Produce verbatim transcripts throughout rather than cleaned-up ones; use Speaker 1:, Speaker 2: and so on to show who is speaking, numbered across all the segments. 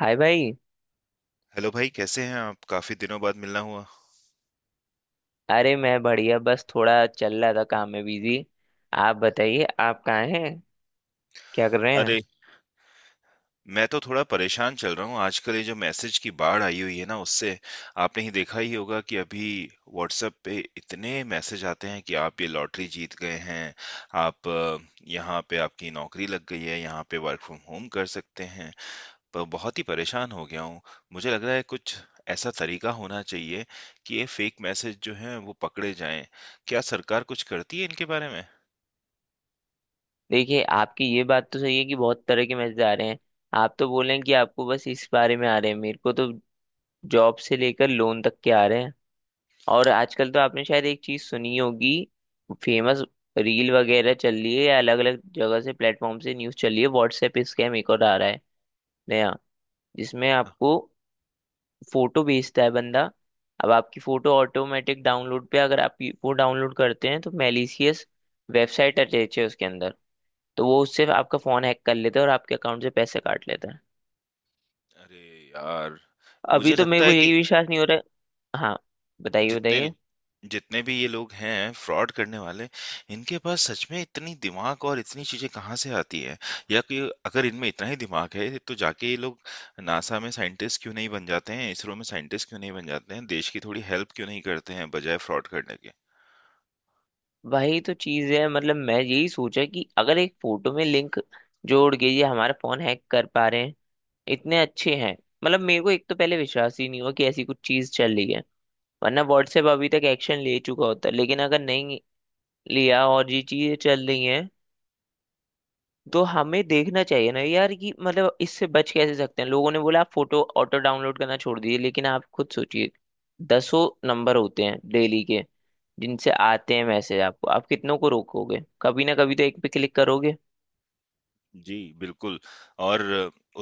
Speaker 1: हाय भाई।
Speaker 2: हेलो भाई कैसे हैं आप काफी दिनों बाद मिलना हुआ।
Speaker 1: अरे मैं बढ़िया, बस थोड़ा चल रहा था काम में बिजी। आप बताइए, आप कहाँ हैं, क्या कर रहे हैं?
Speaker 2: अरे मैं तो थोड़ा परेशान चल रहा हूँ आजकल ये जो मैसेज की बाढ़ आई हुई है ना उससे। आपने ही देखा ही होगा कि अभी व्हाट्सएप पे इतने मैसेज आते हैं कि आप ये लॉटरी जीत गए हैं। आप अ, यहाँ पे आपकी नौकरी लग गई है, यहाँ पे वर्क फ्रॉम होम कर सकते हैं। पर बहुत ही परेशान हो गया हूँ। मुझे लग रहा है कुछ ऐसा तरीका होना चाहिए कि ये फेक मैसेज जो हैं वो पकड़े जाएं। क्या सरकार कुछ करती है इनके बारे में?
Speaker 1: देखिए, आपकी ये बात तो सही है कि बहुत तरह के मैसेज आ रहे हैं। आप तो बोल रहे हैं कि आपको बस इस बारे में आ रहे हैं, मेरे को तो जॉब से लेकर लोन तक के आ रहे हैं। और आजकल तो आपने शायद एक चीज सुनी होगी, फेमस रील वगैरह चल रही है या अलग अलग जगह से प्लेटफॉर्म से न्यूज चल रही है, व्हाट्सएप स्कैम एक और आ रहा है नया, जिसमें आपको फोटो भेजता है बंदा। अब आपकी फोटो ऑटोमेटिक डाउनलोड पे अगर आप वो डाउनलोड करते हैं तो मैलिशियस वेबसाइट अटैच है उसके अंदर, तो वो उससे आपका फोन हैक कर लेता है और आपके अकाउंट से पैसे काट लेता है।
Speaker 2: अरे यार,
Speaker 1: अभी
Speaker 2: मुझे
Speaker 1: तो मेरे
Speaker 2: लगता
Speaker 1: को
Speaker 2: है कि
Speaker 1: यही विश्वास नहीं हो रहा है। हाँ, बताइए
Speaker 2: जितने
Speaker 1: बताइए।
Speaker 2: जितने भी ये लोग हैं फ्रॉड करने वाले, इनके पास सच में इतनी दिमाग और इतनी चीजें कहाँ से आती है। या कि अगर इनमें इतना ही दिमाग है तो जाके ये लोग नासा में साइंटिस्ट क्यों नहीं बन जाते हैं, इसरो में साइंटिस्ट क्यों नहीं बन जाते हैं, देश की थोड़ी हेल्प क्यों नहीं करते हैं बजाय फ्रॉड करने के।
Speaker 1: वही तो चीज है, मतलब मैं यही सोचा कि अगर एक फोटो में लिंक जोड़ के ये हमारा फोन हैक कर पा रहे हैं, इतने अच्छे हैं। मतलब मेरे को एक तो पहले विश्वास ही नहीं हुआ कि ऐसी कुछ चीज चल रही है, वरना व्हाट्सएप अभी तक एक्शन ले चुका होता, लेकिन अगर नहीं लिया और ये चीजें चल रही हैं तो हमें देखना चाहिए ना यार कि मतलब इससे बच कैसे सकते हैं। लोगों ने बोला आप फोटो ऑटो डाउनलोड करना छोड़ दीजिए, लेकिन आप खुद सोचिए, दसों नंबर होते हैं डेली के जिनसे आते हैं मैसेज आपको, आप कितनों को रोकोगे, कभी ना कभी तो एक पे क्लिक करोगे।
Speaker 2: जी, बिल्कुल। और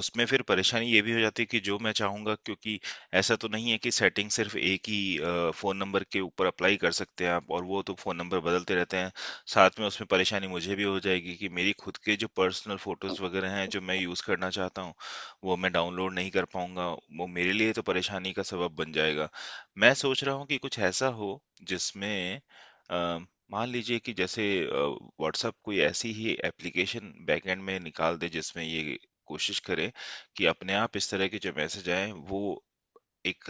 Speaker 2: उसमें फिर परेशानी ये भी हो जाती है कि जो मैं चाहूँगा, क्योंकि ऐसा तो नहीं है कि सेटिंग सिर्फ़ एक ही अ, फ़ोन नंबर के ऊपर अप्लाई कर सकते हैं आप, और वो तो फ़ोन नंबर बदलते रहते हैं। साथ में उसमें परेशानी मुझे भी हो जाएगी कि मेरी खुद के जो पर्सनल फ़ोटोज़ वग़ैरह हैं, जो मैं यूज़ करना चाहता हूँ, वो मैं डाउनलोड नहीं कर पाऊँगा। वो मेरे लिए तो परेशानी का सबब बन जाएगा। मैं सोच रहा हूँ कि कुछ ऐसा हो जिसमें अ, मान लीजिए कि जैसे अ, व्हाट्सएप कोई ऐसी ही एप्लीकेशन बैकएंड में निकाल दे जिसमें ये कोशिश करे कि अपने आप इस तरह के जो मैसेज आए वो एक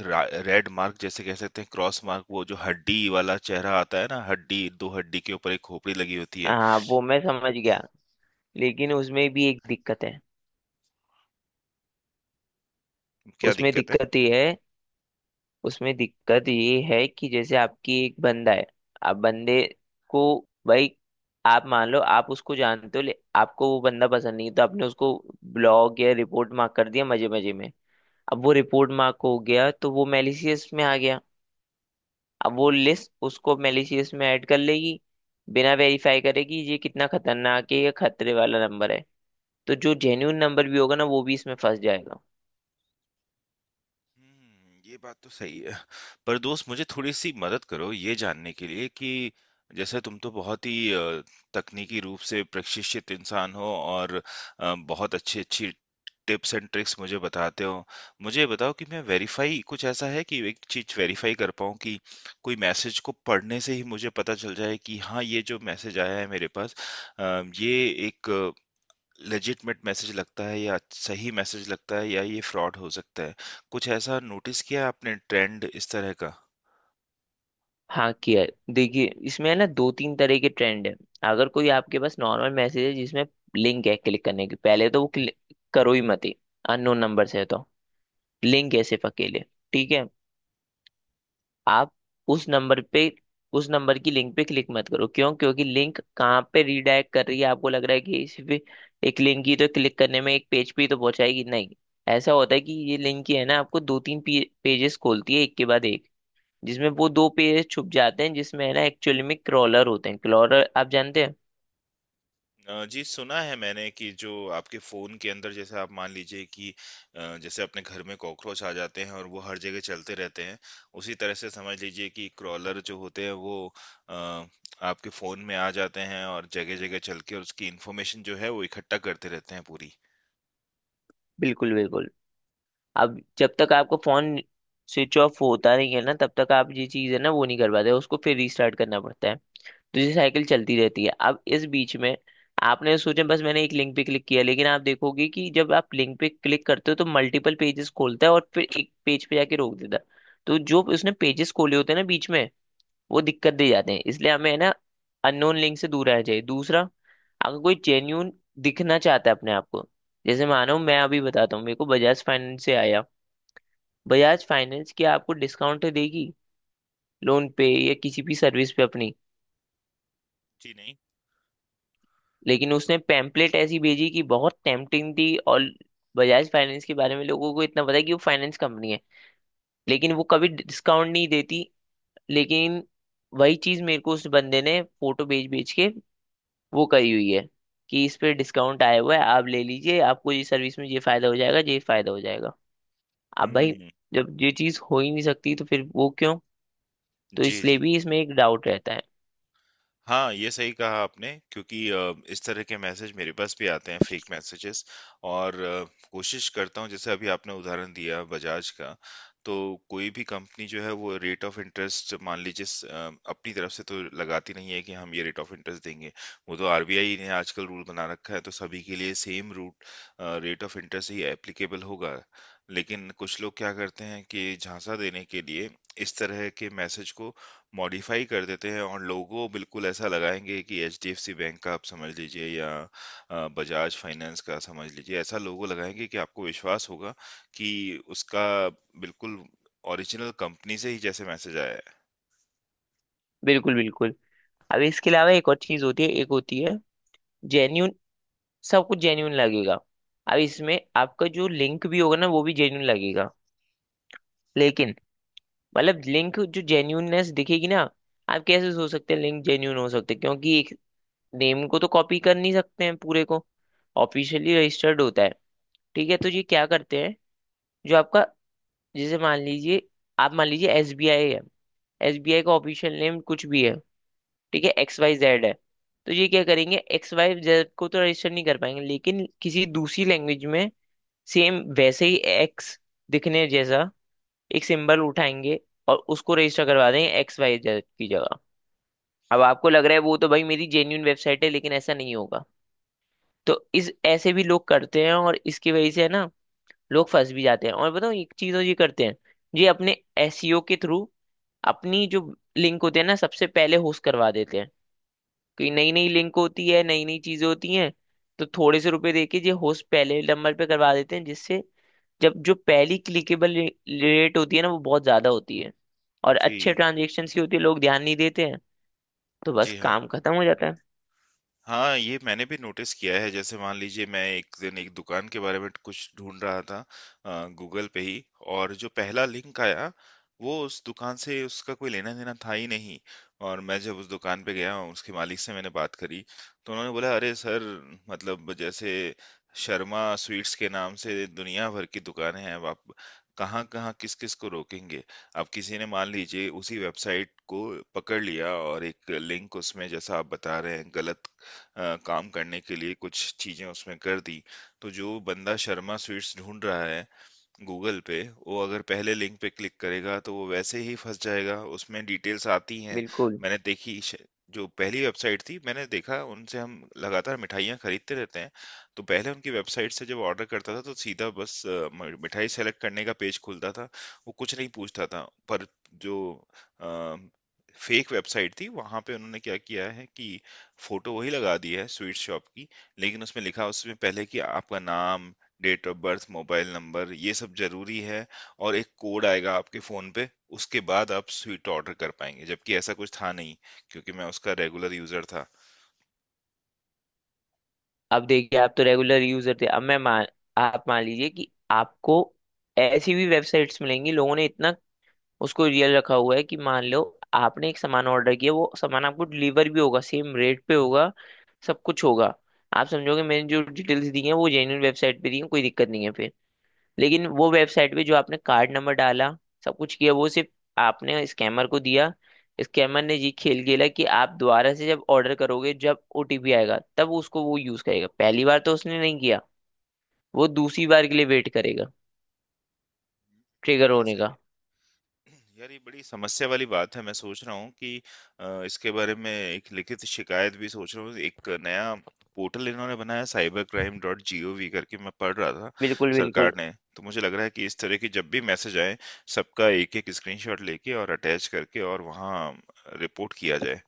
Speaker 2: रेड मार्क, जैसे कह सकते हैं क्रॉस मार्क, वो जो हड्डी वाला चेहरा आता है ना, हड्डी दो हड्डी के ऊपर एक खोपड़ी लगी होती है।
Speaker 1: हाँ, वो मैं समझ गया, लेकिन उसमें भी एक दिक्कत है।
Speaker 2: क्या
Speaker 1: उसमें
Speaker 2: दिक्कत है?
Speaker 1: दिक्कत ये है उसमें दिक्कत ये है कि जैसे आपकी एक बंदा है, आप बंदे को, भाई आप मान लो, आप उसको जानते हो ले आपको वो बंदा पसंद नहीं है, तो आपने उसको ब्लॉग या रिपोर्ट मार्क कर दिया मजे मजे में। अब वो रिपोर्ट मार्क हो गया तो वो मेलिशियस में आ गया, अब वो लिस्ट उसको मेलिशियस में ऐड कर लेगी बिना वेरीफाई करेगी ये कितना खतरनाक है या खतरे वाला नंबर है, तो जो जेन्यून नंबर भी होगा ना वो भी इसमें फंस जाएगा।
Speaker 2: हुँ, ये बात तो सही है। पर दोस्त मुझे थोड़ी-सी मदद करो ये जानने के लिए कि जैसे तुम तो बहुत ही अ, तकनीकी रूप से प्रशिक्षित इंसान हो और अ, बहुत अच्छी-अच्छी टिप्स एंड ट्रिक्स मुझे बताते हो। मुझे ये बताओ कि मैं वेरीफ़ाई कुछ ऐसा है कि एक चीज़ वेरीफ़ाई कर पाऊँ कि कोई मैसेज को पढ़ने से ही मुझे पता चल जाए कि हाँ, ये जो मैसेज आया है मेरे पास अ, ये एक लेजिटमेट मैसेज लगता है या सही मैसेज लगता है या ये फ्रॉड हो सकता है। कुछ ऐसा नोटिस किया है आपने ट्रेंड इस तरह का?
Speaker 1: हाँ, किया है। देखिए, इसमें है ना दो तीन तरह के ट्रेंड है। अगर कोई आपके पास नॉर्मल मैसेज है जिसमें लिंक है क्लिक करने की, पहले तो वो क्लिक करो ही मत। अननोन नंबर से है तो, लिंक है सिर्फ अकेले, ठीक है, आप उस नंबर पे, उस नंबर की लिंक पे क्लिक मत करो। क्यों? क्योंकि लिंक कहाँ पे रीडायरेक्ट कर रही है, आपको लग रहा है कि सिर्फ एक लिंक ही तो, क्लिक करने में एक पेज पे ही तो पहुंचाएगी, नहीं। ऐसा होता है कि ये लिंक ही है ना आपको दो तीन पेजेस खोलती है एक के बाद एक, जिसमें वो दो पेज छुप जाते हैं जिसमें है ना एक्चुअली में क्रॉलर होते हैं। क्रॉलर आप जानते हैं?
Speaker 2: अ, जी, सुना है मैंने कि जो आपके फ़ोन के अंदर, जैसे आप मान लीजिए कि अ, जैसे अपने घर में कॉकरोच आ जाते हैं और वो हर जगह चलते रहते हैं, उसी तरह से समझ लीजिए कि क्रॉलर जो होते हैं वो अ, आपके फ़ोन में आ जाते हैं और जगह-जगह चल के और उसकी इन्फॉर्मेशन जो है वो इकट्ठा करते रहते हैं पूरी।
Speaker 1: बिल्कुल बिल्कुल। अब जब तक आपका फोन स्विच ऑफ होता नहीं है ना तब तक आप ये चीज़ है ना वो नहीं कर पाते, उसको फिर रीस्टार्ट करना पड़ता है। तो ये साइकिल चलती रहती है, अब इस बीच में आपने सोचा बस मैंने एक लिंक पे क्लिक किया, लेकिन आप देखोगे कि जब आप लिंक पे क्लिक करते हो तो मल्टीपल पेजेस खोलता है और फिर एक पेज पे जाके रोक देता है। तो जो उसने पेजेस खोले होते हैं ना बीच में, वो दिक्कत दे जाते हैं, इसलिए हमें है ना अननोन लिंक से दूर रहना चाहिए। दूसरा, अगर कोई जेन्यून दिखना चाहता है अपने आप को, जैसे मानो मैं अभी बताता हूँ, मेरे को बजाज फाइनेंस से आया। बजाज फाइनेंस क्या आपको डिस्काउंट देगी लोन पे या किसी भी सर्विस पे अपनी?
Speaker 2: जी, नहीं?
Speaker 1: लेकिन उसने पैम्पलेट ऐसी भेजी कि बहुत टेम्पटिंग थी, और बजाज फाइनेंस के बारे में लोगों को इतना पता है कि वो फाइनेंस कंपनी है, लेकिन वो कभी डिस्काउंट नहीं देती। लेकिन वही चीज मेरे को उस बंदे ने फोटो भेज भेज के वो करी हुई है कि इस पे डिस्काउंट आया हुआ है, आप ले लीजिए, आपको ये सर्विस में ये फायदा हो जाएगा ये फायदा हो जाएगा। अब भाई,
Speaker 2: हुँ,
Speaker 1: जब ये चीज हो ही नहीं सकती तो फिर वो क्यों, तो
Speaker 2: जी,
Speaker 1: इसलिए
Speaker 2: जी।
Speaker 1: भी इसमें एक डाउट रहता है।
Speaker 2: हाँ, ये सही कहा आपने क्योंकि अ, इस तरह के मैसेज मेरे पास भी आते हैं, फेक मैसेजेस। और अ, कोशिश करता हूँ। जैसे अभी आपने उदाहरण दिया बजाज का, तो कोई भी कंपनी जो है वो रेट ऑफ इंटरेस्ट, मान लीजिए स अ, अपनी तरफ से तो लगाती नहीं है कि हम ये रेट ऑफ इंटरेस्ट देंगे। वो तो आरबीआई ने आजकल रूल बना रखा है तो सभी के लिए same route uh, rate of interest ही एप्लीकेबल होगा। लेकिन कुछ लोग क्या करते हैं कि झांसा देने के लिए इस तरह के मैसेज को मॉडिफाई कर देते हैं और लोगो बिल्कुल ऐसा लगाएँगे कि एचडीएफसी बैंक का आप समझ लीजिए या अ, बजाज फाइनेंस का समझ लीजिए, ऐसा लोगो लगाएँगे कि आपको विश्वास होगा कि उसका बिल्कुल ओरिजिनल कंपनी से ही जैसे मैसेज आया है।
Speaker 1: बिल्कुल बिल्कुल। अब इसके अलावा एक और चीज होती है, एक होती है जेन्यून, सब कुछ जेन्यून लगेगा। अब इसमें आपका जो लिंक भी होगा ना वो भी जेन्यून लगेगा, लेकिन मतलब लिंक जो जेन्यूननेस दिखेगी ना, आप कैसे सोच सकते हैं लिंक जेन्यून हो सकते हैं, क्योंकि एक नेम को तो कॉपी कर नहीं सकते हैं पूरे को, ऑफिशियली रजिस्टर्ड होता है। ठीक है, तो ये क्या करते हैं, जो आपका जैसे मान लीजिए, आप मान लीजिए एसबीआई है, एसबीआई का ऑफिशियल नेम कुछ भी है, ठीक है, एक्स वाई जेड है। तो ये क्या करेंगे, एक्स वाई जेड को तो रजिस्टर नहीं कर पाएंगे, लेकिन किसी दूसरी लैंग्वेज में सेम वैसे ही एक्स दिखने जैसा एक सिंबल उठाएंगे और उसको रजिस्टर करवा देंगे एक्स वाई जेड की जगह। अब आपको लग रहा है वो तो भाई मेरी जेन्यून वेबसाइट है, लेकिन ऐसा नहीं होगा, तो इस ऐसे भी लोग करते हैं और इसकी वजह से है ना लोग फंस भी जाते हैं। और बताओ, एक चीज और ये करते हैं, ये अपने एसईओ के थ्रू अपनी जो लिंक होती है ना सबसे पहले होस्ट करवा देते हैं, क्योंकि नई नई लिंक होती है नई नई चीजें होती हैं, तो थोड़े से रुपए देके ये होस्ट पहले नंबर पे करवा देते हैं, जिससे जब जो पहली क्लिकेबल रेट होती है ना वो बहुत ज्यादा होती है और
Speaker 2: जी।
Speaker 1: अच्छे ट्रांजेक्शन की होती है, लोग ध्यान नहीं देते हैं, तो बस
Speaker 2: जी, हाँ।
Speaker 1: काम खत्म हो जाता है।
Speaker 2: हाँ, ये मैंने भी नोटिस किया है। जैसे मान लीजिए मैं एक दिन एक दुकान के बारे में कुछ ढूँढ रहा था अ, गूगल पे ही, और जो पहला लिंक आया, वो उस दुकान से उसका कोई लेना-देना था ही नहीं। और मैं जब उस दुकान पे गया, उसके मालिक से मैंने बात करी, तो उन्होंने बोला, "अरे सर, मतलब जैसे शर्मा स्वीट्स के नाम से दुनिया भर की दुकानें हैं। अब आप कहाँ-कहाँ, किस-किस को रोकेंगे?" अब किसी ने मान लीजिए उसी वेबसाइट को पकड़ लिया और एक लिंक उसमें, जैसा आप बता रहे हैं, गलत अ, काम करने के लिए कुछ चीज़ें उसमें कर दी, तो जो बंदा शर्मा स्वीट्स ढूँढ रहा है गूगल पे, वो अगर पहले लिंक पे क्लिक करेगा तो वो वैसे ही फंस जाएगा, उसमें डिटेल्स आती हैं।
Speaker 1: बिल्कुल।
Speaker 2: मैंने देखी श- जो पहली वेबसाइट थी मैंने देखा, उनसे हम लगातार मिठाइयाँ खरीदते रहते हैं। तो पहले उनकी वेबसाइट से जब ऑर्डर करता था तो सीधा बस अ, म- मिठाई सेलेक्ट करने का पेज खुलता था, वो कुछ नहीं पूछता था। पर जो फेक वेबसाइट थी वहां पे उन्होंने क्या किया है कि फोटो वही लगा दी है स्वीट शॉप की, लेकिन उसमें लिखा, उसमें पहले कि आपका नाम, date of birth, mobile number ये सब ज़रूरी है और एक कोड आएगा आपके फ़ोन पे, उसके बाद आप स्वीट ऑर्डर कर पाएँगे, जबकि ऐसा कुछ था नहीं, क्योंकि मैं उसका रेगुलर यूज़र था।
Speaker 1: अब देखिए, आप तो रेगुलर यूजर थे, अब मैं मान आप मान लीजिए कि आपको ऐसी भी वेबसाइट्स मिलेंगी, लोगों ने इतना उसको रियल रखा हुआ है कि मान लो आपने एक सामान ऑर्डर किया, वो सामान आपको डिलीवर भी होगा, सेम रेट पे होगा, सब कुछ होगा। आप समझोगे मैंने जो डिटेल्स दी हैं वो जेन्युइन वेबसाइट पे दी हैं, कोई दिक्कत नहीं है, लेकिन वो वेबसाइट पे जो आपने कार्ड नंबर डाला सब कुछ किया, वो सिर्फ आपने स्कैमर को दिया। स्कैमर ने ये खेल खेला कि आप दोबारा से जब ऑर्डर करोगे जब ओटीपी आएगा तब उसको वो यूज करेगा, पहली बार तो उसने नहीं किया, वो दूसरी बार के लिए वेट करेगा, ट्रिगर
Speaker 2: ये
Speaker 1: होने
Speaker 2: सही
Speaker 1: का।
Speaker 2: है। यार ये बड़ी समस्या वाली बात है। मैं सोच रहा हूँ कि अ, इसके बारे में एक लिखित शिकायत भी सोच रहा हूँ। एक नया पोर्टल इन्होंने बनाया cyber crime dot G O V करके, मैं पढ़ रहा था,
Speaker 1: बिल्कुल बिल्कुल।
Speaker 2: सरकार ने। तो मुझे लग रहा है कि इस तरह की जब भी मैसेज आए सबका एक एक स्क्रीनशॉट लेके और अटैच करके और वहाँ रिपोर्ट किया जाए।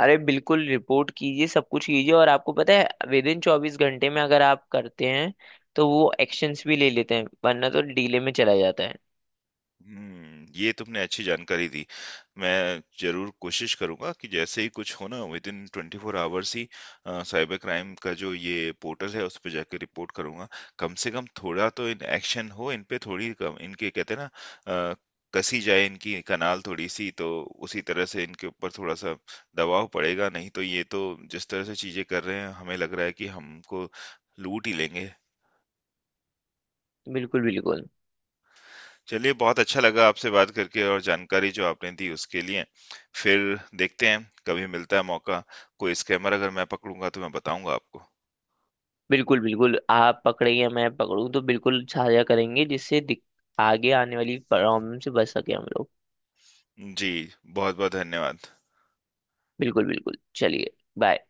Speaker 1: अरे बिल्कुल, रिपोर्ट कीजिए सब कुछ कीजिए, और आपको पता है विद इन चौबीस घंटे में अगर आप करते हैं तो वो एक्शंस भी ले लेते हैं, वरना तो डीले में चला जाता है।
Speaker 2: हुँ, ये तुमने अच्छी जानकारी दी। मैं ज़रूर कोशिश करूँगा कि जैसे ही कुछ हो ना, विदिन ट्वेंटी फ़ोर आवर्स ही अ, साइबर क्राइम का जो ये पोर्टल है उस पे जाके रिपोर्ट करूँगा। कम से कम थोड़ा तो इन एक्शन हो, इन पे थोड़ी कम, इनके कहते हैं ना अ, कसी जाए इनकी कनाल थोड़ी-सी, तो उसी तरह से इनके ऊपर थोड़ा-सा दबाव पड़ेगा, नहीं तो ये तो जिस तरह से चीज़ें कर रहे हैं हमें लग रहा है कि हमको लूट ही लेंगे।
Speaker 1: बिल्कुल बिल्कुल।
Speaker 2: चलिए, बहुत अच्छा लगा आपसे बात करके और जानकारी जो आपने दी उसके लिए। फिर देखते हैं, कभी मिलता है मौका, कोई स्कैमर अगर मैं पकड़ूँगा तो मैं बताऊँगा आपको।
Speaker 1: बिल्कुल बिल्कुल, आप पकड़े या मैं पकड़ूं तो बिल्कुल साझा करेंगे जिससे दिक- आगे आने वाली प्रॉब्लम से बच सके हम लोग।
Speaker 2: जी, बहुत-बहुत धन्यवाद।
Speaker 1: बिल्कुल बिल्कुल, चलिए, बाय।